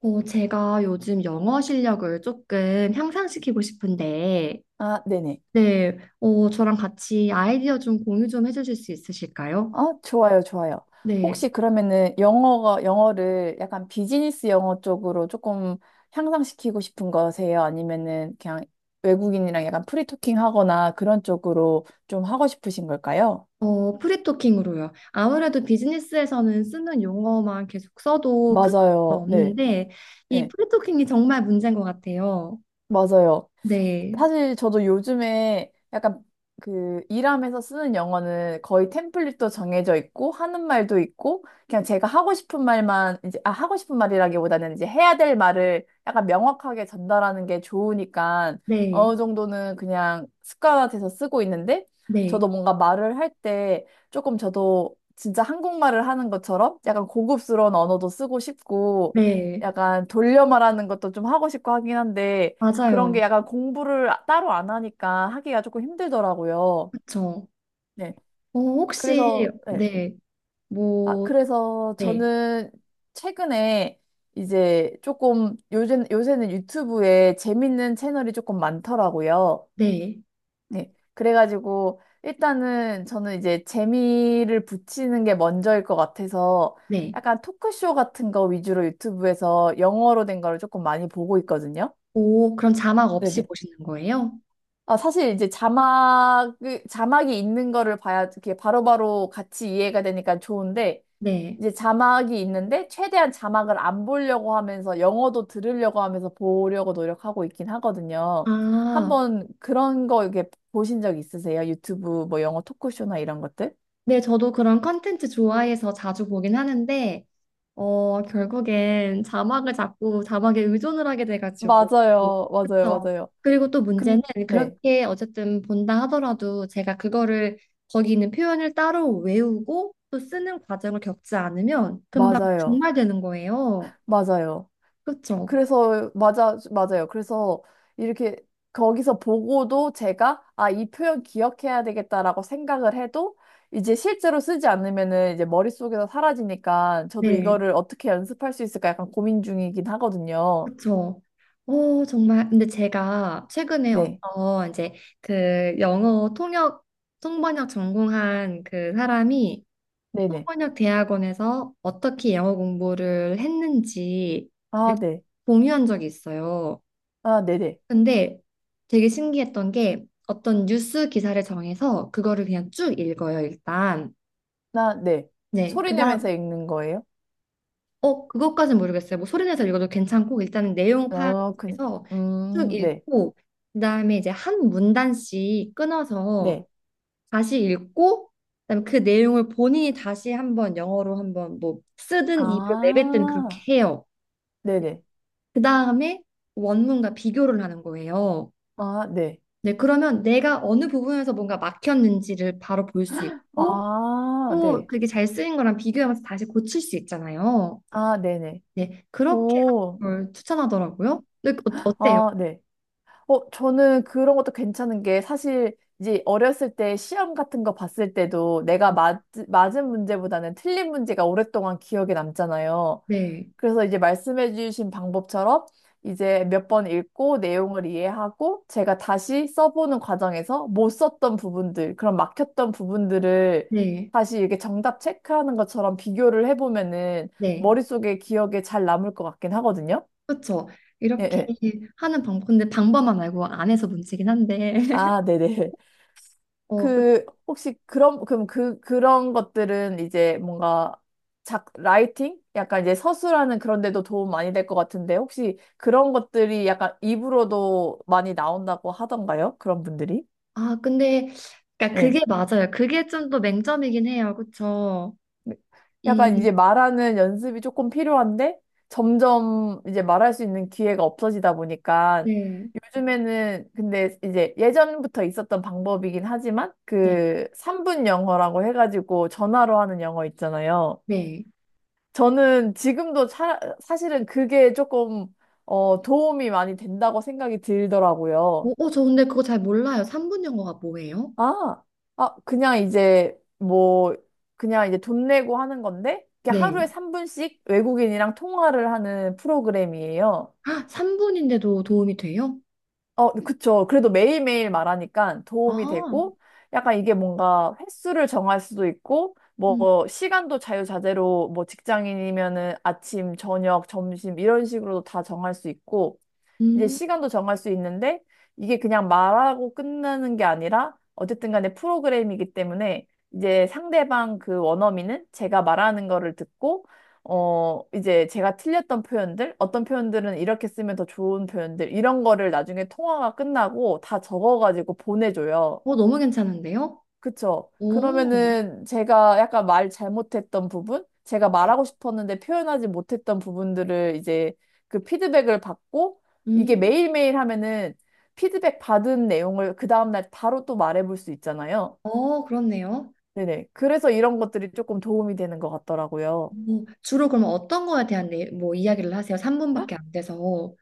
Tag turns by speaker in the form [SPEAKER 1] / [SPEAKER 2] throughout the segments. [SPEAKER 1] 제가 요즘 영어 실력을 조금 향상시키고 싶은데,
[SPEAKER 2] 아, 네네.
[SPEAKER 1] 네, 저랑 같이 아이디어 좀 공유 좀 해주실 수 있으실까요?
[SPEAKER 2] 아, 좋아요, 좋아요.
[SPEAKER 1] 네,
[SPEAKER 2] 혹시 그러면은 영어를 약간 비즈니스 영어 쪽으로 조금 향상시키고 싶은 거세요? 아니면은 그냥 외국인이랑 약간 프리토킹 하거나 그런 쪽으로 좀 하고 싶으신 걸까요?
[SPEAKER 1] 프리토킹으로요. 아무래도 비즈니스에서는 쓰는 용어만 계속 써도 큰 문제는
[SPEAKER 2] 맞아요. 네.
[SPEAKER 1] 없는데, 이
[SPEAKER 2] 네.
[SPEAKER 1] 프리토킹이 정말 문제인 것 같아요.
[SPEAKER 2] 맞아요.
[SPEAKER 1] 네,
[SPEAKER 2] 사실 저도 요즘에 약간 그 일하면서 쓰는 영어는 거의 템플릿도 정해져 있고 하는 말도 있고 그냥 제가 하고 싶은 말만 이제 하고 싶은 말이라기보다는 이제 해야 될 말을 약간 명확하게 전달하는 게 좋으니까
[SPEAKER 1] 네,
[SPEAKER 2] 어느 정도는 그냥 습관화돼서 쓰고 있는데 저도
[SPEAKER 1] 네,
[SPEAKER 2] 뭔가 말을 할 때 조금 저도 진짜 한국말을 하는 것처럼 약간 고급스러운 언어도 쓰고 싶고
[SPEAKER 1] 네,
[SPEAKER 2] 약간 돌려 말하는 것도 좀 하고 싶고 하긴 한데 그런 게
[SPEAKER 1] 맞아요.
[SPEAKER 2] 약간 따로 안 하니까 하기가 조금 힘들더라고요.
[SPEAKER 1] 그쵸.
[SPEAKER 2] 네. 그래서,
[SPEAKER 1] 혹시,
[SPEAKER 2] 네.
[SPEAKER 1] 네,
[SPEAKER 2] 아,
[SPEAKER 1] 뭐,
[SPEAKER 2] 그래서
[SPEAKER 1] 네,
[SPEAKER 2] 저는 최근에 이제 조금 요새는 유튜브에 재밌는 채널이 조금 많더라고요.
[SPEAKER 1] 네,
[SPEAKER 2] 네. 그래가지고 일단은 저는 이제 재미를 붙이는 게 먼저일 것 같아서
[SPEAKER 1] 네.
[SPEAKER 2] 약간 토크쇼 같은 거 위주로 유튜브에서 영어로 된 거를 조금 많이 보고 있거든요.
[SPEAKER 1] 오, 그럼 자막 없이
[SPEAKER 2] 네네.
[SPEAKER 1] 보시는 거예요?
[SPEAKER 2] 아, 사실 이제 자막이 있는 거를 봐야 이렇게 바로바로 같이 이해가 되니까 좋은데,
[SPEAKER 1] 네.
[SPEAKER 2] 이제 자막이 있는데, 최대한 자막을 안 보려고 하면서, 영어도 들으려고 하면서 보려고 노력하고 있긴 하거든요.
[SPEAKER 1] 아,
[SPEAKER 2] 한번 그런 거 이렇게 보신 적 있으세요? 유튜브 뭐 영어 토크쇼나 이런 것들?
[SPEAKER 1] 네, 저도 그런 컨텐츠 좋아해서 자주 보긴 하는데, 결국엔 자막을 자꾸 자막에 의존을 하게 돼가지고.
[SPEAKER 2] 맞아요. 맞아요.
[SPEAKER 1] 그렇죠.
[SPEAKER 2] 맞아요.
[SPEAKER 1] 그리고 또 문제는
[SPEAKER 2] 근, 네.
[SPEAKER 1] 그렇게 어쨌든 본다 하더라도 제가 그거를 거기 있는 표현을 따로 외우고 또 쓰는 과정을 겪지 않으면 금방
[SPEAKER 2] 맞아요.
[SPEAKER 1] 중말되는 거예요.
[SPEAKER 2] 맞아요.
[SPEAKER 1] 그렇죠.
[SPEAKER 2] 그래서 맞아요. 그래서 이렇게 거기서 보고도 제가 아, 이 표현 기억해야 되겠다라고 생각을 해도 이제 실제로 쓰지 않으면은 이제 머릿속에서 사라지니까 저도
[SPEAKER 1] 네.
[SPEAKER 2] 이거를 어떻게 연습할 수 있을까 약간 고민 중이긴 하거든요.
[SPEAKER 1] 그쵸. 정말. 근데 제가 최근에
[SPEAKER 2] 네.
[SPEAKER 1] 어떤 이제 그 영어 통역, 통번역 전공한 그 사람이
[SPEAKER 2] 네네.
[SPEAKER 1] 통번역 대학원에서 어떻게 영어 공부를 했는지 를
[SPEAKER 2] 아, 네.
[SPEAKER 1] 공유한 적이 있어요.
[SPEAKER 2] 아, 네네.
[SPEAKER 1] 근데 되게 신기했던 게 어떤 뉴스 기사를 정해서 그거를 그냥 쭉 읽어요, 일단.
[SPEAKER 2] 나, 네.
[SPEAKER 1] 네.
[SPEAKER 2] 소리 내면서 읽는 거예요?
[SPEAKER 1] 그것까진 모르겠어요. 뭐 소리내서 읽어도 괜찮고 일단은 내용
[SPEAKER 2] 어, 그,
[SPEAKER 1] 파악해서 쭉
[SPEAKER 2] 네.
[SPEAKER 1] 읽고 그다음에 이제 한 문단씩 끊어서
[SPEAKER 2] 네.
[SPEAKER 1] 다시 읽고 그다음에 그 내용을 본인이 다시 한번 영어로 한번 뭐 쓰든 입으로 내뱉든
[SPEAKER 2] 아,
[SPEAKER 1] 그렇게 해요.
[SPEAKER 2] 네네.
[SPEAKER 1] 그다음에 원문과 비교를 하는 거예요.
[SPEAKER 2] 아, 네.
[SPEAKER 1] 네, 그러면 내가 어느 부분에서 뭔가 막혔는지를 바로 볼 수 있고
[SPEAKER 2] 아,
[SPEAKER 1] 또
[SPEAKER 2] 네.
[SPEAKER 1] 그게 잘 쓰인 거랑 비교하면서 다시 고칠 수 있잖아요.
[SPEAKER 2] 아, 네네.
[SPEAKER 1] 네, 그렇게
[SPEAKER 2] 오,
[SPEAKER 1] 하는 걸 추천하더라고요. 근데 어때요?
[SPEAKER 2] 아, 네. 어, 저는 그런 것도 괜찮은 게 사실 이제 어렸을 때 시험 같은 거 봤을 때도 내가 맞은 문제보다는 틀린 문제가 오랫동안 기억에 남잖아요.
[SPEAKER 1] 네,
[SPEAKER 2] 그래서 이제 말씀해 주신 방법처럼 이제 몇 번 읽고 내용을 이해하고 제가 다시 써보는 과정에서 못 썼던 부분들, 그런 막혔던 부분들을
[SPEAKER 1] 네,
[SPEAKER 2] 다시 이렇게 정답 체크하는 것처럼 비교를 해보면은
[SPEAKER 1] 네.
[SPEAKER 2] 머릿속에 기억에 잘 남을 것 같긴 하거든요.
[SPEAKER 1] 그렇죠.
[SPEAKER 2] 예,
[SPEAKER 1] 이렇게
[SPEAKER 2] 예.
[SPEAKER 1] 하는 방법. 근데 방법만 알고 안 해서 문제긴 한데.
[SPEAKER 2] 아, 네네.
[SPEAKER 1] 그,
[SPEAKER 2] 그, 혹시 그런, 그럼 그, 그런 것들은 이제 뭔가 라이팅? 약간 이제 서술하는 그런 데도 도움 많이 될 것 같은데, 혹시 그런 것들이 약간 입으로도 많이 나온다고 하던가요? 그런 분들이?
[SPEAKER 1] 아, 근데 그러니까
[SPEAKER 2] 예.
[SPEAKER 1] 그게 맞아요. 그게 좀 더 맹점이긴 해요. 그렇죠.
[SPEAKER 2] 네. 약간
[SPEAKER 1] 이
[SPEAKER 2] 이제 말하는 연습이 조금 필요한데 점점 이제 말할 수 있는 기회가 없어지다 보니까
[SPEAKER 1] 네.
[SPEAKER 2] 요즘에는 근데 이제 예전부터 있었던 방법이긴 하지만
[SPEAKER 1] 네.
[SPEAKER 2] 그 3분 영어라고 해가지고 전화로 하는 영어 있잖아요.
[SPEAKER 1] 네.
[SPEAKER 2] 저는 지금도 사실은 그게 도움이 많이 된다고 생각이 들더라고요.
[SPEAKER 1] 오, 저 근데 그거 잘 몰라요. 3분 영어가 뭐예요?
[SPEAKER 2] 아, 아, 그냥 이제 돈 내고 하는 건데, 이게
[SPEAKER 1] 네.
[SPEAKER 2] 하루에 3분씩 외국인이랑 통화를 하는 프로그램이에요.
[SPEAKER 1] 아, 3분인데도 도움이 돼요?
[SPEAKER 2] 어, 그쵸. 그래도 매일매일 말하니까 도움이
[SPEAKER 1] 아.
[SPEAKER 2] 되고, 약간 이게 뭔가 횟수를 정할 수도 있고,
[SPEAKER 1] 음.
[SPEAKER 2] 뭐, 시간도 자유자재로 뭐 직장인이면은 아침, 저녁, 점심 이런 식으로도 다 정할 수 있고, 이제
[SPEAKER 1] 음.
[SPEAKER 2] 시간도 정할 수 있는데 이게 그냥 말하고 끝나는 게 아니라 어쨌든 간에 프로그램이기 때문에 이제 상대방 그 원어민은 제가 말하는 거를 듣고 어 이제 제가 틀렸던 표현들 어떤 표현들은 이렇게 쓰면 더 좋은 표현들 이런 거를 나중에 통화가 끝나고 다 적어가지고 보내줘요.
[SPEAKER 1] 너무 괜찮은데요?
[SPEAKER 2] 그쵸.
[SPEAKER 1] 오.
[SPEAKER 2] 그러면은 제가 약간 말 잘못했던 부분, 제가
[SPEAKER 1] 네.
[SPEAKER 2] 말하고 싶었는데 표현하지 못했던 부분들을 이제 그 피드백을 받고 이게
[SPEAKER 1] 음.
[SPEAKER 2] 매일매일 하면은 피드백 받은 내용을 그 다음날 바로 또 말해볼 수 있잖아요.
[SPEAKER 1] 그렇네요.
[SPEAKER 2] 네네. 그래서 이런 것들이 조금 도움이 되는 것 같더라고요.
[SPEAKER 1] 뭐, 주로 그러면 어떤 거에 대한 뭐 이야기를 하세요? 3분밖에 안 돼서.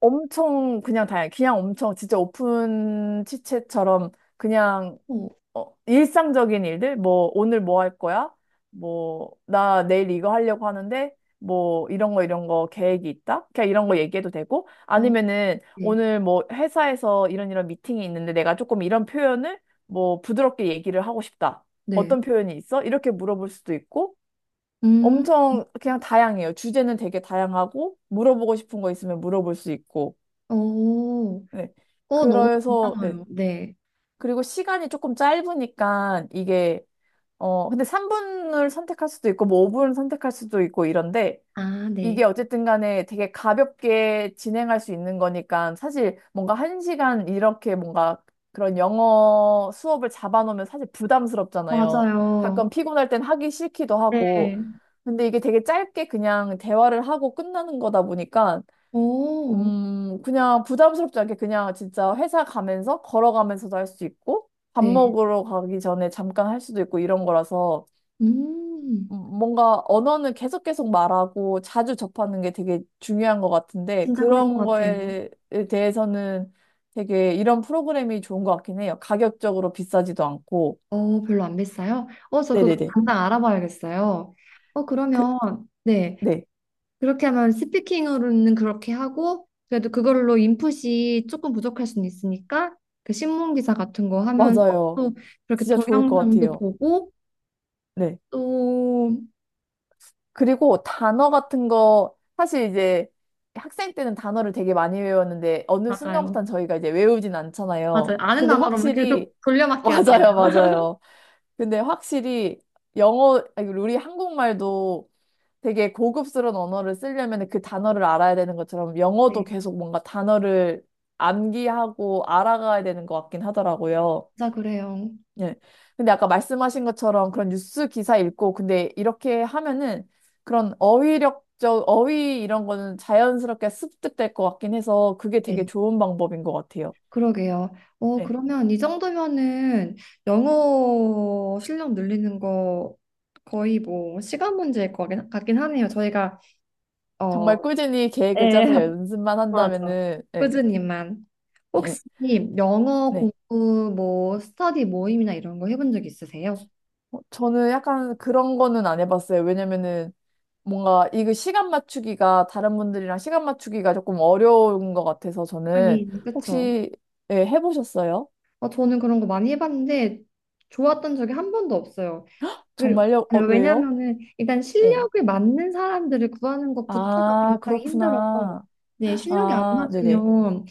[SPEAKER 2] 엄청 그냥 엄청 진짜 오픈 치챗처럼 그냥
[SPEAKER 1] 어,
[SPEAKER 2] 어, 일상적인 일들, 뭐, 오늘 뭐 할 거야? 뭐, 나 내일 이거 하려고 하는데, 이런 거 계획이 있다? 그냥 이런 거 얘기해도 되고,
[SPEAKER 1] 아,
[SPEAKER 2] 아니면은,
[SPEAKER 1] 네.
[SPEAKER 2] 오늘 뭐, 회사에서 이런 이런 미팅이 있는데, 내가 조금 이런 표현을, 뭐, 부드럽게 얘기를 하고 싶다.
[SPEAKER 1] 네.
[SPEAKER 2] 어떤 표현이 있어? 이렇게 물어볼 수도 있고,
[SPEAKER 1] 음,
[SPEAKER 2] 엄청 그냥 다양해요. 주제는 되게 다양하고, 물어보고 싶은 거 있으면 물어볼 수 있고,
[SPEAKER 1] 어,
[SPEAKER 2] 네.
[SPEAKER 1] 어, 너무
[SPEAKER 2] 그래서, 네.
[SPEAKER 1] 괜찮아요. 네.
[SPEAKER 2] 그리고 시간이 조금 짧으니까, 이게, 어, 근데 3분을 선택할 수도 있고, 뭐 5분을 선택할 수도 있고 이런데,
[SPEAKER 1] 아, 네.
[SPEAKER 2] 이게 어쨌든 간에 되게 가볍게 진행할 수 있는 거니까, 사실 뭔가 한 시간 이렇게 뭔가 그런 영어 수업을 잡아놓으면 사실 부담스럽잖아요.
[SPEAKER 1] 맞아요.
[SPEAKER 2] 가끔 피곤할 땐 하기 싫기도 하고,
[SPEAKER 1] 네.
[SPEAKER 2] 근데 이게 되게 짧게 그냥 대화를 하고 끝나는 거다 보니까,
[SPEAKER 1] 오,
[SPEAKER 2] 그냥 부담스럽지 않게 그냥 진짜 회사 가면서 걸어가면서도 할 수 있고, 밥
[SPEAKER 1] 네.
[SPEAKER 2] 먹으러 가기 전에 잠깐 할 수도 있고 이런 거라서,
[SPEAKER 1] 음,
[SPEAKER 2] 뭔가 언어는 계속 계속 말하고 자주 접하는 게 되게 중요한 것 같은데
[SPEAKER 1] 진짜 그런 것
[SPEAKER 2] 그런
[SPEAKER 1] 같아요.
[SPEAKER 2] 거에 대해서는 되게 이런 프로그램이 좋은 것 같긴 해요. 가격적으로 비싸지도 않고.
[SPEAKER 1] 별로 안 비싸요? 저 그거
[SPEAKER 2] 네네네.
[SPEAKER 1] 당장 알아봐야겠어요.
[SPEAKER 2] 그,
[SPEAKER 1] 그러면, 네.
[SPEAKER 2] 네.
[SPEAKER 1] 그렇게 하면 스피킹으로는 그렇게 하고 그래도 그걸로 인풋이 조금 부족할 수는 있으니까 그 신문 기사 같은 거 하면서
[SPEAKER 2] 맞아요.
[SPEAKER 1] 또 그렇게
[SPEAKER 2] 진짜 좋을 것
[SPEAKER 1] 동영상도
[SPEAKER 2] 같아요.
[SPEAKER 1] 보고
[SPEAKER 2] 네.
[SPEAKER 1] 또
[SPEAKER 2] 그리고 단어 같은 거 사실 이제 학생 때는 단어를 되게 많이 외웠는데 어느
[SPEAKER 1] 맞아요.
[SPEAKER 2] 순간부터는 저희가 이제 외우진
[SPEAKER 1] 맞아요.
[SPEAKER 2] 않잖아요.
[SPEAKER 1] 아는
[SPEAKER 2] 근데
[SPEAKER 1] 단어로만
[SPEAKER 2] 확실히
[SPEAKER 1] 계속 돌려막기 하잖아요.
[SPEAKER 2] 맞아요, 맞아요. 근데 확실히 영어, 아니, 우리 한국말도 되게 고급스러운 언어를 쓰려면 그 단어를 알아야 되는 것처럼 영어도
[SPEAKER 1] 네.
[SPEAKER 2] 계속 뭔가 단어를 암기하고 알아가야 되는 것 같긴 하더라고요.
[SPEAKER 1] 진짜 그래요.
[SPEAKER 2] 예. 근데 아까 말씀하신 것처럼 그런 뉴스 기사 읽고 근데 이렇게 하면은 그런 어휘 이런 거는 자연스럽게 습득될 것 같긴 해서 그게 되게
[SPEAKER 1] 네.
[SPEAKER 2] 좋은 방법인 것 같아요.
[SPEAKER 1] 그러게요.
[SPEAKER 2] 예.
[SPEAKER 1] 그러면 이 정도면은 영어 실력 늘리는 거 거의 뭐 시간 문제일 거 같긴 하네요. 저희가 어,
[SPEAKER 2] 정말 꾸준히 계획을
[SPEAKER 1] 네,
[SPEAKER 2] 짜서 연습만
[SPEAKER 1] 맞아.
[SPEAKER 2] 한다면은, 예.
[SPEAKER 1] 꾸준히만.
[SPEAKER 2] 예.
[SPEAKER 1] 혹시 영어
[SPEAKER 2] 네.
[SPEAKER 1] 공부 뭐 스터디 모임이나 이런 거 해본 적 있으세요?
[SPEAKER 2] 어, 저는 약간 그런 거는 안 해봤어요. 왜냐면은 뭔가 이거 시간 맞추기가 다른 분들이랑 시간 맞추기가 조금 어려운 것 같아서 저는
[SPEAKER 1] 하긴 그쵸.
[SPEAKER 2] 혹시 예, 해보셨어요?
[SPEAKER 1] 저는 그런 거 많이 해봤는데 좋았던 적이 한 번도 없어요. 그,
[SPEAKER 2] 정말요? 어, 왜요?
[SPEAKER 1] 왜냐면은 일단
[SPEAKER 2] 예.
[SPEAKER 1] 실력에 맞는 사람들을 구하는 것부터가
[SPEAKER 2] 아,
[SPEAKER 1] 굉장히 힘들어서
[SPEAKER 2] 그렇구나.
[SPEAKER 1] 네, 실력이 안
[SPEAKER 2] 아, 네네.
[SPEAKER 1] 맞으면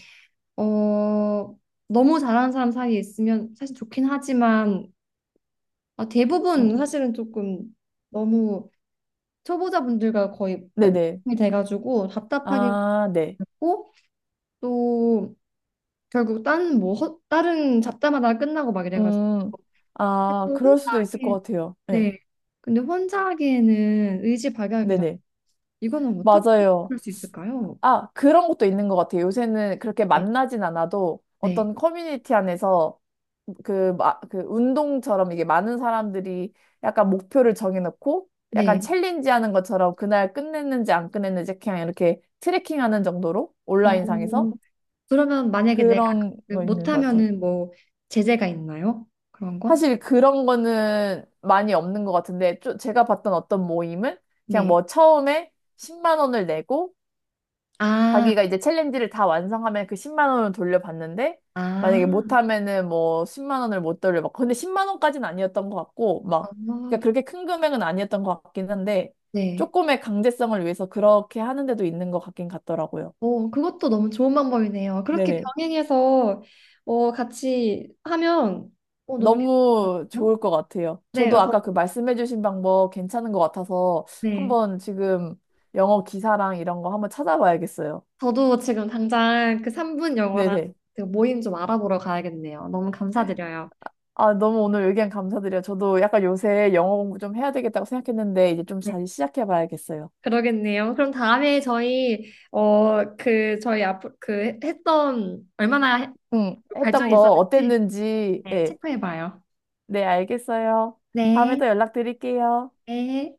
[SPEAKER 1] 어 너무 잘하는 사람 사이에 있으면 사실 좋긴 하지만 아,
[SPEAKER 2] 음,
[SPEAKER 1] 대부분 사실은 조금 너무 초보자분들과 거의
[SPEAKER 2] 네네.
[SPEAKER 1] 이 돼가지고 답답하기만
[SPEAKER 2] 아, 네.
[SPEAKER 1] 고 또 결국 딴 뭐 다른 잡자마다 끝나고 막 이래가지고
[SPEAKER 2] 음,
[SPEAKER 1] 근데
[SPEAKER 2] 아,
[SPEAKER 1] 또
[SPEAKER 2] 그럴
[SPEAKER 1] 혼자
[SPEAKER 2] 수도 있을 것
[SPEAKER 1] 하기
[SPEAKER 2] 같아요. 예.
[SPEAKER 1] 네 근데 혼자 하기에는 의지박약이라
[SPEAKER 2] 네네.
[SPEAKER 1] 이거는 어떻게
[SPEAKER 2] 맞아요.
[SPEAKER 1] 풀 수 있을까요?
[SPEAKER 2] 아, 그런 것도 있는 것 같아요. 요새는 그렇게
[SPEAKER 1] 네
[SPEAKER 2] 만나진 않아도
[SPEAKER 1] 네
[SPEAKER 2] 어떤 커뮤니티 안에서 그 운동처럼 이게 많은 사람들이 약간 목표를 정해놓고
[SPEAKER 1] 네.
[SPEAKER 2] 약간 챌린지 하는 것처럼 그날 끝냈는지 안 끝냈는지 그냥 이렇게 트래킹 하는 정도로 온라인상에서
[SPEAKER 1] 어, 그러면 만약에 내가
[SPEAKER 2] 그런
[SPEAKER 1] 그
[SPEAKER 2] 거 있는 것 같아요.
[SPEAKER 1] 못하면은 뭐 제재가 있나요? 그런 건?
[SPEAKER 2] 사실 그런 거는 많이 없는 것 같은데, 좀 제가 봤던 어떤 모임은 그냥
[SPEAKER 1] 네.
[SPEAKER 2] 뭐 처음에 10만 원을 내고
[SPEAKER 1] 아,
[SPEAKER 2] 자기가 이제 챌린지를 다 완성하면 그 10만 원을 돌려받는데 만약에
[SPEAKER 1] 아,
[SPEAKER 2] 못하면은 뭐 10만 원을 못 돌려받고 근데 10만 원까지는 아니었던 것 같고 막
[SPEAKER 1] 어,
[SPEAKER 2] 그러니까 그렇게 큰 금액은 아니었던 것 같긴 한데
[SPEAKER 1] 네.
[SPEAKER 2] 조금의 강제성을 위해서 그렇게 하는 데도 있는 것 같긴 같더라고요.
[SPEAKER 1] 그것도 너무 좋은 방법이네요. 그렇게
[SPEAKER 2] 네네.
[SPEAKER 1] 병행해서 같이 하면 너무 괜찮을 것
[SPEAKER 2] 너무
[SPEAKER 1] 같아요.
[SPEAKER 2] 좋을 것 같아요.
[SPEAKER 1] 네,
[SPEAKER 2] 저도
[SPEAKER 1] 저,
[SPEAKER 2] 아까 그 말씀해주신 방법 괜찮은 것 같아서
[SPEAKER 1] 네.
[SPEAKER 2] 한번 지금 영어 기사랑 이런 거 한번 찾아봐야겠어요.
[SPEAKER 1] 저도 지금 당장 그 3분 영어랑
[SPEAKER 2] 네네.
[SPEAKER 1] 그 모임 좀 알아보러 가야겠네요. 너무 감사드려요.
[SPEAKER 2] 아, 너무 오늘 의견 감사드려요. 저도 약간 요새 영어 공부 좀 해야 되겠다고 생각했는데, 이제 좀
[SPEAKER 1] 네,
[SPEAKER 2] 다시 시작해 봐야겠어요.
[SPEAKER 1] 그러겠네요. 그럼 다음에 저희 앞으로 그 했던 얼마나
[SPEAKER 2] 응, 했던
[SPEAKER 1] 발전이
[SPEAKER 2] 거
[SPEAKER 1] 있었는지
[SPEAKER 2] 어땠는지,
[SPEAKER 1] 네,
[SPEAKER 2] 예.
[SPEAKER 1] 체크해 봐요.
[SPEAKER 2] 네, 알겠어요. 다음에
[SPEAKER 1] 네.
[SPEAKER 2] 또 연락드릴게요.
[SPEAKER 1] 네.